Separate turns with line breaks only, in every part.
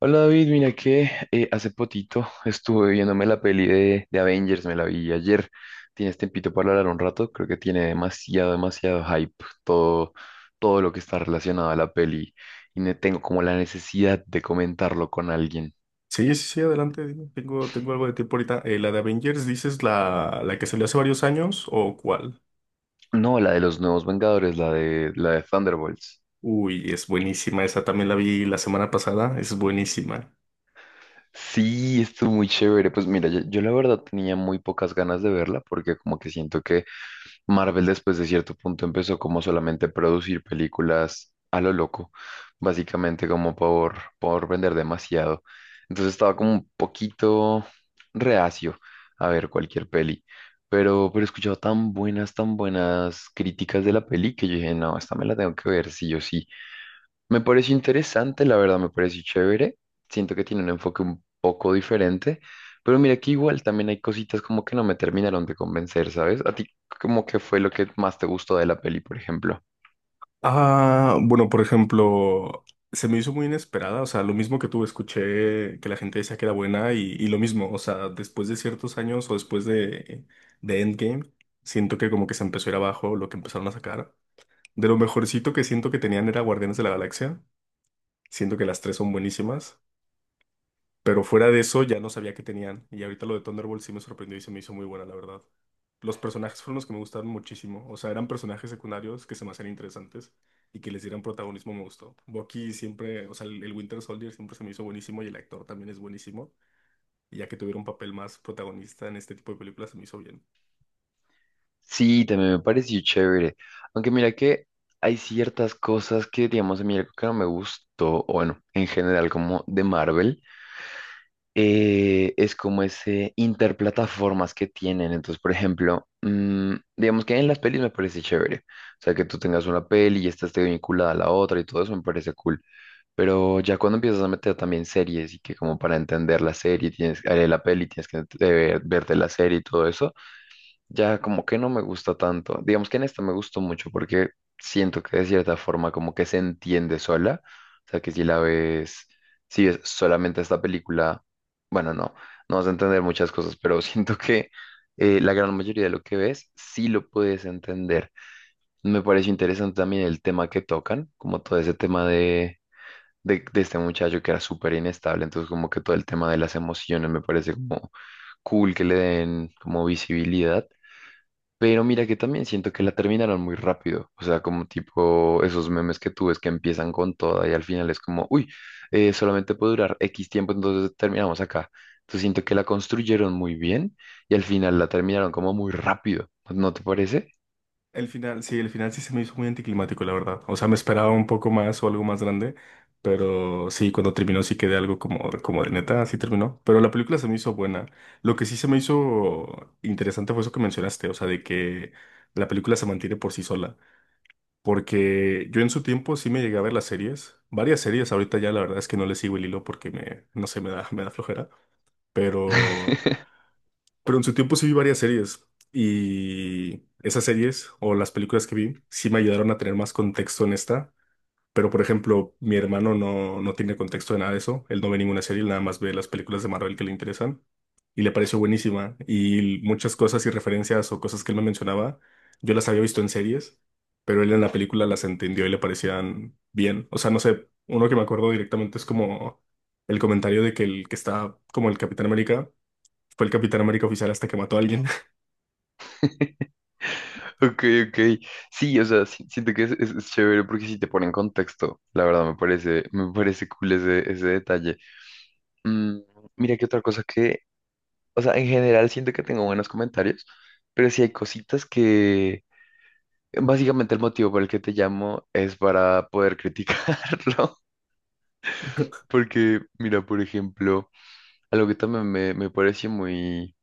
Hola David, mira que hace potito estuve viéndome la peli de Avengers, me la vi ayer. ¿Tienes tiempito para hablar un rato? Creo que tiene demasiado hype todo, todo lo que está relacionado a la peli y tengo como la necesidad de comentarlo con alguien.
Sí, sí, sí, adelante. Dime. Tengo algo de tiempo ahorita. La de Avengers, ¿dices la que salió hace varios años o cuál?
No, la de los nuevos Vengadores, la la de Thunderbolts.
Uy, es buenísima. Esa también la vi la semana pasada. Es buenísima.
Sí, estuvo muy chévere. Pues mira, yo la verdad tenía muy pocas ganas de verla porque como que siento que Marvel después de cierto punto empezó como solamente a producir películas a lo loco, básicamente como por vender demasiado. Entonces estaba como un poquito reacio a ver cualquier peli, pero he escuchado tan buenas críticas de la peli que yo dije, no, esta me la tengo que ver sí o sí. Me pareció interesante, la verdad, me pareció chévere. Siento que tiene un enfoque un poco diferente, pero mira que igual también hay cositas como que no me terminaron de convencer, ¿sabes? ¿A ti como que fue lo que más te gustó de la peli, por ejemplo?
Ah, bueno, por ejemplo, se me hizo muy inesperada. O sea, lo mismo que tú. Escuché que la gente decía que era buena y lo mismo. O sea, después de ciertos años o después de Endgame, siento que como que se empezó a ir abajo lo que empezaron a sacar. De lo mejorcito que siento que tenían era Guardianes de la Galaxia. Siento que las tres son buenísimas. Pero fuera de eso, ya no sabía que tenían. Y ahorita lo de Thunderbolt sí me sorprendió y se me hizo muy buena, la verdad. Los personajes fueron los que me gustaron muchísimo. O sea, eran personajes secundarios que se me hacían interesantes y que les dieran protagonismo me gustó. Bucky siempre, o sea, el Winter Soldier siempre se me hizo buenísimo y el actor también es buenísimo. Y ya que tuviera un papel más protagonista en este tipo de películas, se me hizo bien.
Sí, también me pareció chévere. Aunque mira que hay ciertas cosas que, digamos, a mí algo que no me gustó, o bueno, en general como de Marvel. Es como ese interplataformas que tienen. Entonces, por ejemplo, digamos que en las pelis me parece chévere. O sea, que tú tengas una peli y esta esté vinculada a la otra y todo eso me parece cool. Pero ya cuando empiezas a meter también series y que como para entender la serie, tienes, la peli, tienes que verte la serie y todo eso, ya como que no me gusta tanto. Digamos que en esta me gustó mucho porque siento que de cierta forma como que se entiende sola. O sea, que si la ves, si ves solamente esta película, bueno, no, no vas a entender muchas cosas, pero siento que la gran mayoría de lo que ves sí lo puedes entender. Me pareció interesante también el tema que tocan, como todo ese tema de... de este muchacho que era súper inestable, entonces como que todo el tema de las emociones me parece como cool que le den como visibilidad, pero mira que también siento que la terminaron muy rápido. O sea, como tipo esos memes que tú ves que empiezan con toda y al final es como, uy, solamente puede durar X tiempo, entonces terminamos acá. Entonces siento que la construyeron muy bien y al final la terminaron como muy rápido. ¿No te parece?
El final sí se me hizo muy anticlimático, la verdad. O sea, me esperaba un poco más o algo más grande, pero sí, cuando terminó sí quedé algo como, como de neta, así terminó. Pero la película se me hizo buena. Lo que sí se me hizo interesante fue eso que mencionaste, o sea, de que la película se mantiene por sí sola. Porque yo en su tiempo sí me llegué a ver las series, varias series, ahorita ya la verdad es que no le sigo el hilo porque me, no sé, me da flojera, pero... Pero en su tiempo sí vi varias series y esas series o las películas que vi sí me ayudaron a tener más contexto en esta. Pero por ejemplo, mi hermano no, no tiene contexto de nada de eso. Él no ve ninguna serie, él nada más ve las películas de Marvel que le interesan y le pareció buenísima. Y muchas cosas y referencias o cosas que él me mencionaba, yo las había visto en series, pero él en la película las entendió y le parecían bien. O sea, no sé, uno que me acuerdo directamente es como el comentario de que el que está como el Capitán América. Fue el Capitán América oficial hasta que mató a alguien.
Ok, ok. Sí, o sea, siento que es chévere porque sí te pone en contexto. La verdad, me parece cool ese detalle. Mm, mira que otra cosa que... O sea, en general siento que tengo buenos comentarios, pero sí hay cositas que... Básicamente el motivo por el que te llamo es para poder criticarlo. Porque, mira, por ejemplo, algo que también me pareció muy,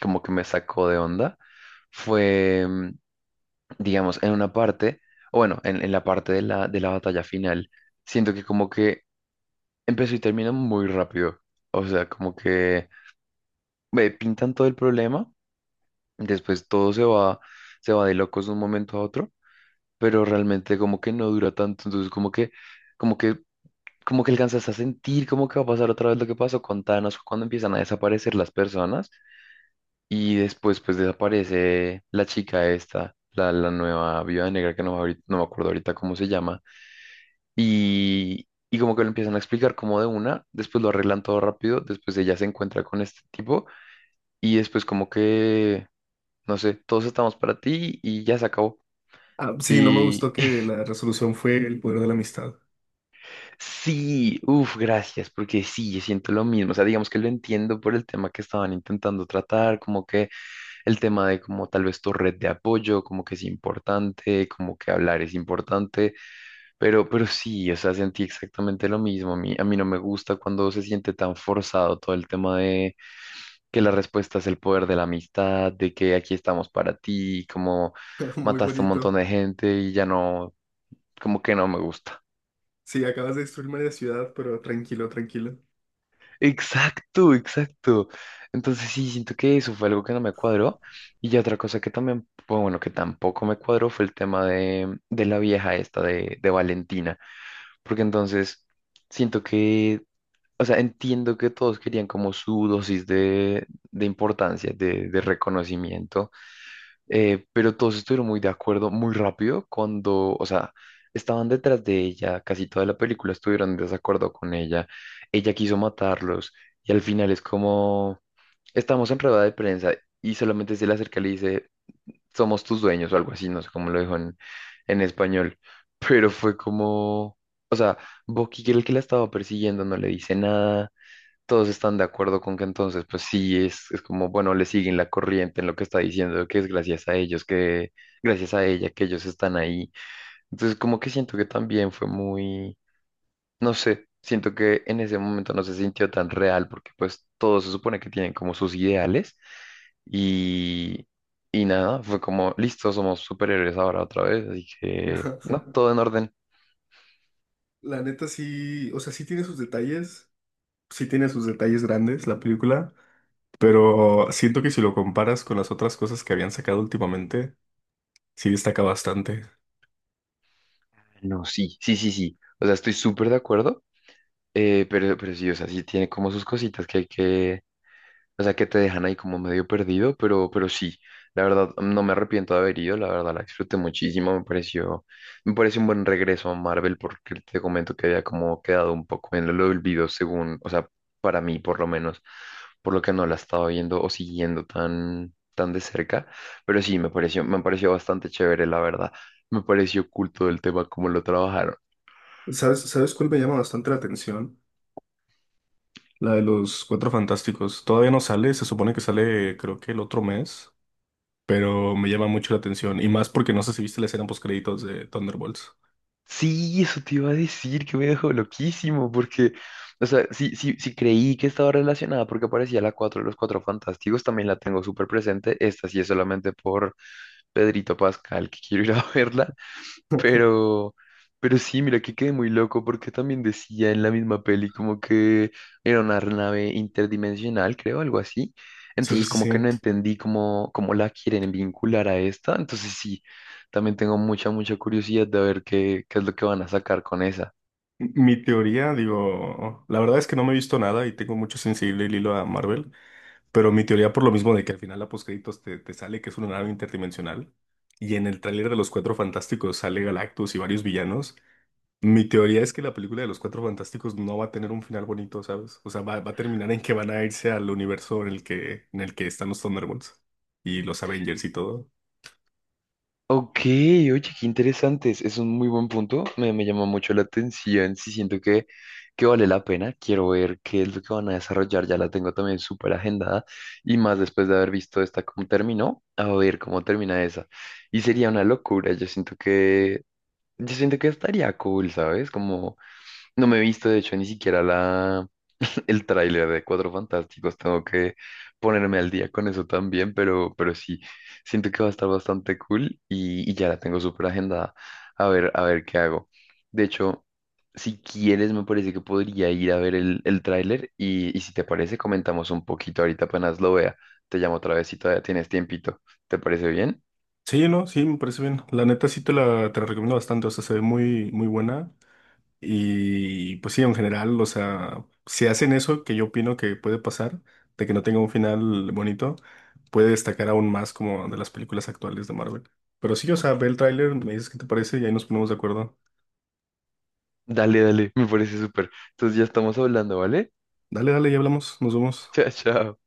como que me sacó de onda, fue, digamos, en una parte, o bueno, en la parte de de la batalla final, siento que como que empezó y terminó muy rápido. O sea, como que me pintan todo el problema. Después todo se va de locos de un momento a otro, pero realmente como que no dura tanto, entonces como que, como que, como que alcanzas a sentir como que va a pasar otra vez lo que pasó con Thanos cuando empiezan a desaparecer las personas y después pues desaparece la chica esta, la nueva viuda negra que no, no me acuerdo ahorita cómo se llama y como que lo empiezan a explicar como de una, después lo arreglan todo rápido, después ella se encuentra con este tipo y después como que, no sé, todos estamos para ti y ya se acabó.
Ah, sí, no me gustó
Y
que la resolución fue el poder de la amistad.
sí, uff, gracias, porque sí, yo siento lo mismo. O sea, digamos que lo entiendo por el tema que estaban intentando tratar, como que el tema de como tal vez tu red de apoyo, como que es importante, como que hablar es importante, pero sí, o sea, sentí exactamente lo mismo. A mí no me gusta cuando se siente tan forzado todo el tema de que la respuesta es el poder de la amistad, de que aquí estamos para ti, como
Muy
mataste un montón
bonito.
de gente y ya no, como que no me gusta.
Sí, acabas de destruir media ciudad, pero tranquilo, tranquilo.
Exacto, exacto. Entonces sí, siento que eso fue algo que no me cuadró. Y ya otra cosa que también, pues, bueno, que tampoco me cuadró fue el tema de la vieja esta de Valentina. Porque entonces siento que, o sea, entiendo que todos querían como su dosis de importancia, de reconocimiento. Pero todos estuvieron muy de acuerdo muy rápido cuando, o sea, estaban detrás de ella, casi toda la película estuvieron en desacuerdo con ella, ella quiso matarlos y al final es como, estamos en rueda de prensa y solamente se le acerca y le dice, somos tus dueños o algo así, no sé cómo lo dijo en español, pero fue como, o sea, Bucky, que era el que la estaba persiguiendo, no le dice nada, todos están de acuerdo con que entonces, pues sí, es como, bueno, le siguen la corriente en lo que está diciendo, que es gracias a ellos, que gracias a ella, que ellos están ahí. Entonces, como que siento que también fue muy, no sé, siento que en ese momento no se sintió tan real, porque pues todos se supone que tienen como sus ideales y, y nada, fue como, listo, somos superhéroes ahora otra vez, así que,
Ajá.
no, todo en orden.
La neta sí, o sea, sí tiene sus detalles, sí tiene sus detalles grandes la película, pero siento que si lo comparas con las otras cosas que habían sacado últimamente, sí destaca bastante.
No, sí, sí, sí, sí. O sea, estoy súper de acuerdo. Pero sí, o sea, sí tiene como sus cositas que hay que, o sea, que te dejan ahí como medio perdido, pero sí, la verdad, no me arrepiento de haber ido, la verdad, la disfruté muchísimo, me pareció, me parece un buen regreso a Marvel porque te comento que había como quedado un poco en el olvido según, o sea, para mí por lo menos, por lo que no la estaba viendo o siguiendo tan de cerca, pero sí, me pareció bastante chévere, la verdad, me pareció culto el tema, cómo lo trabajaron.
¿Sabes, sabes cuál me llama bastante la atención? La de los Cuatro Fantásticos. Todavía no sale, se supone que sale creo que el otro mes. Pero me llama mucho la atención. Y más porque no sé si viste la escena post créditos de Thunderbolts.
Sí, eso te iba a decir que me dejó loquísimo, porque, o sea, sí creí que estaba relacionada porque aparecía la 4, de los Cuatro Fantásticos, también la tengo súper presente, esta sí es solamente por Pedrito Pascal, que quiero ir a verla, pero, pero sí, mira que quedé muy loco porque también decía en la misma peli como que era una nave interdimensional, creo, algo así,
Sí,
entonces
sí,
como que
sí.
no entendí cómo, cómo la quieren vincular a esta, entonces sí. También tengo mucha curiosidad de ver qué, qué es lo que van a sacar con esa.
Mi teoría, digo, la verdad es que no me he visto nada y tengo mucho sensible el hilo a Marvel, pero mi teoría por lo mismo de que al final la postcréditos te sale que es una nave interdimensional y en el tráiler de Los Cuatro Fantásticos sale Galactus y varios villanos, mi teoría es que la película de Los Cuatro Fantásticos no va a tener un final bonito, ¿sabes? O sea, va, va a terminar en que van a irse al universo en el que están los Thunderbolts y los Avengers y todo.
Ok, oye, qué interesantes. Es un muy buen punto. Me llama mucho la atención. Sí, siento que vale la pena. Quiero ver qué es lo que van a desarrollar. Ya la tengo también súper agendada. Y más después de haber visto esta cómo terminó, a ver cómo termina esa. Y sería una locura. Yo siento que estaría cool, ¿sabes? Como no me he visto, de hecho, ni siquiera la el tráiler de Cuatro Fantásticos. Tengo que ponerme al día con eso también, pero sí, siento que va a estar bastante cool y ya la tengo súper agendada. A ver qué hago. De hecho, si quieres, me parece que podría ir a ver el tráiler y si te parece, comentamos un poquito ahorita apenas lo vea. Te llamo otra vez si todavía tienes tiempito. ¿Te parece bien?
Sí, no, sí, me parece bien. La neta sí te la recomiendo bastante, o sea, se ve muy, muy buena. Y pues sí, en general, o sea, si hacen eso, que yo opino que puede pasar, de que no tenga un final bonito, puede destacar aún más como de las películas actuales de Marvel. Pero sí, o sea, ve el tráiler, me dices qué te parece y ahí nos ponemos de acuerdo.
Dale, dale, me parece súper. Entonces ya estamos hablando, ¿vale?
Dale, dale, ya hablamos, nos vemos.
Chao, chao.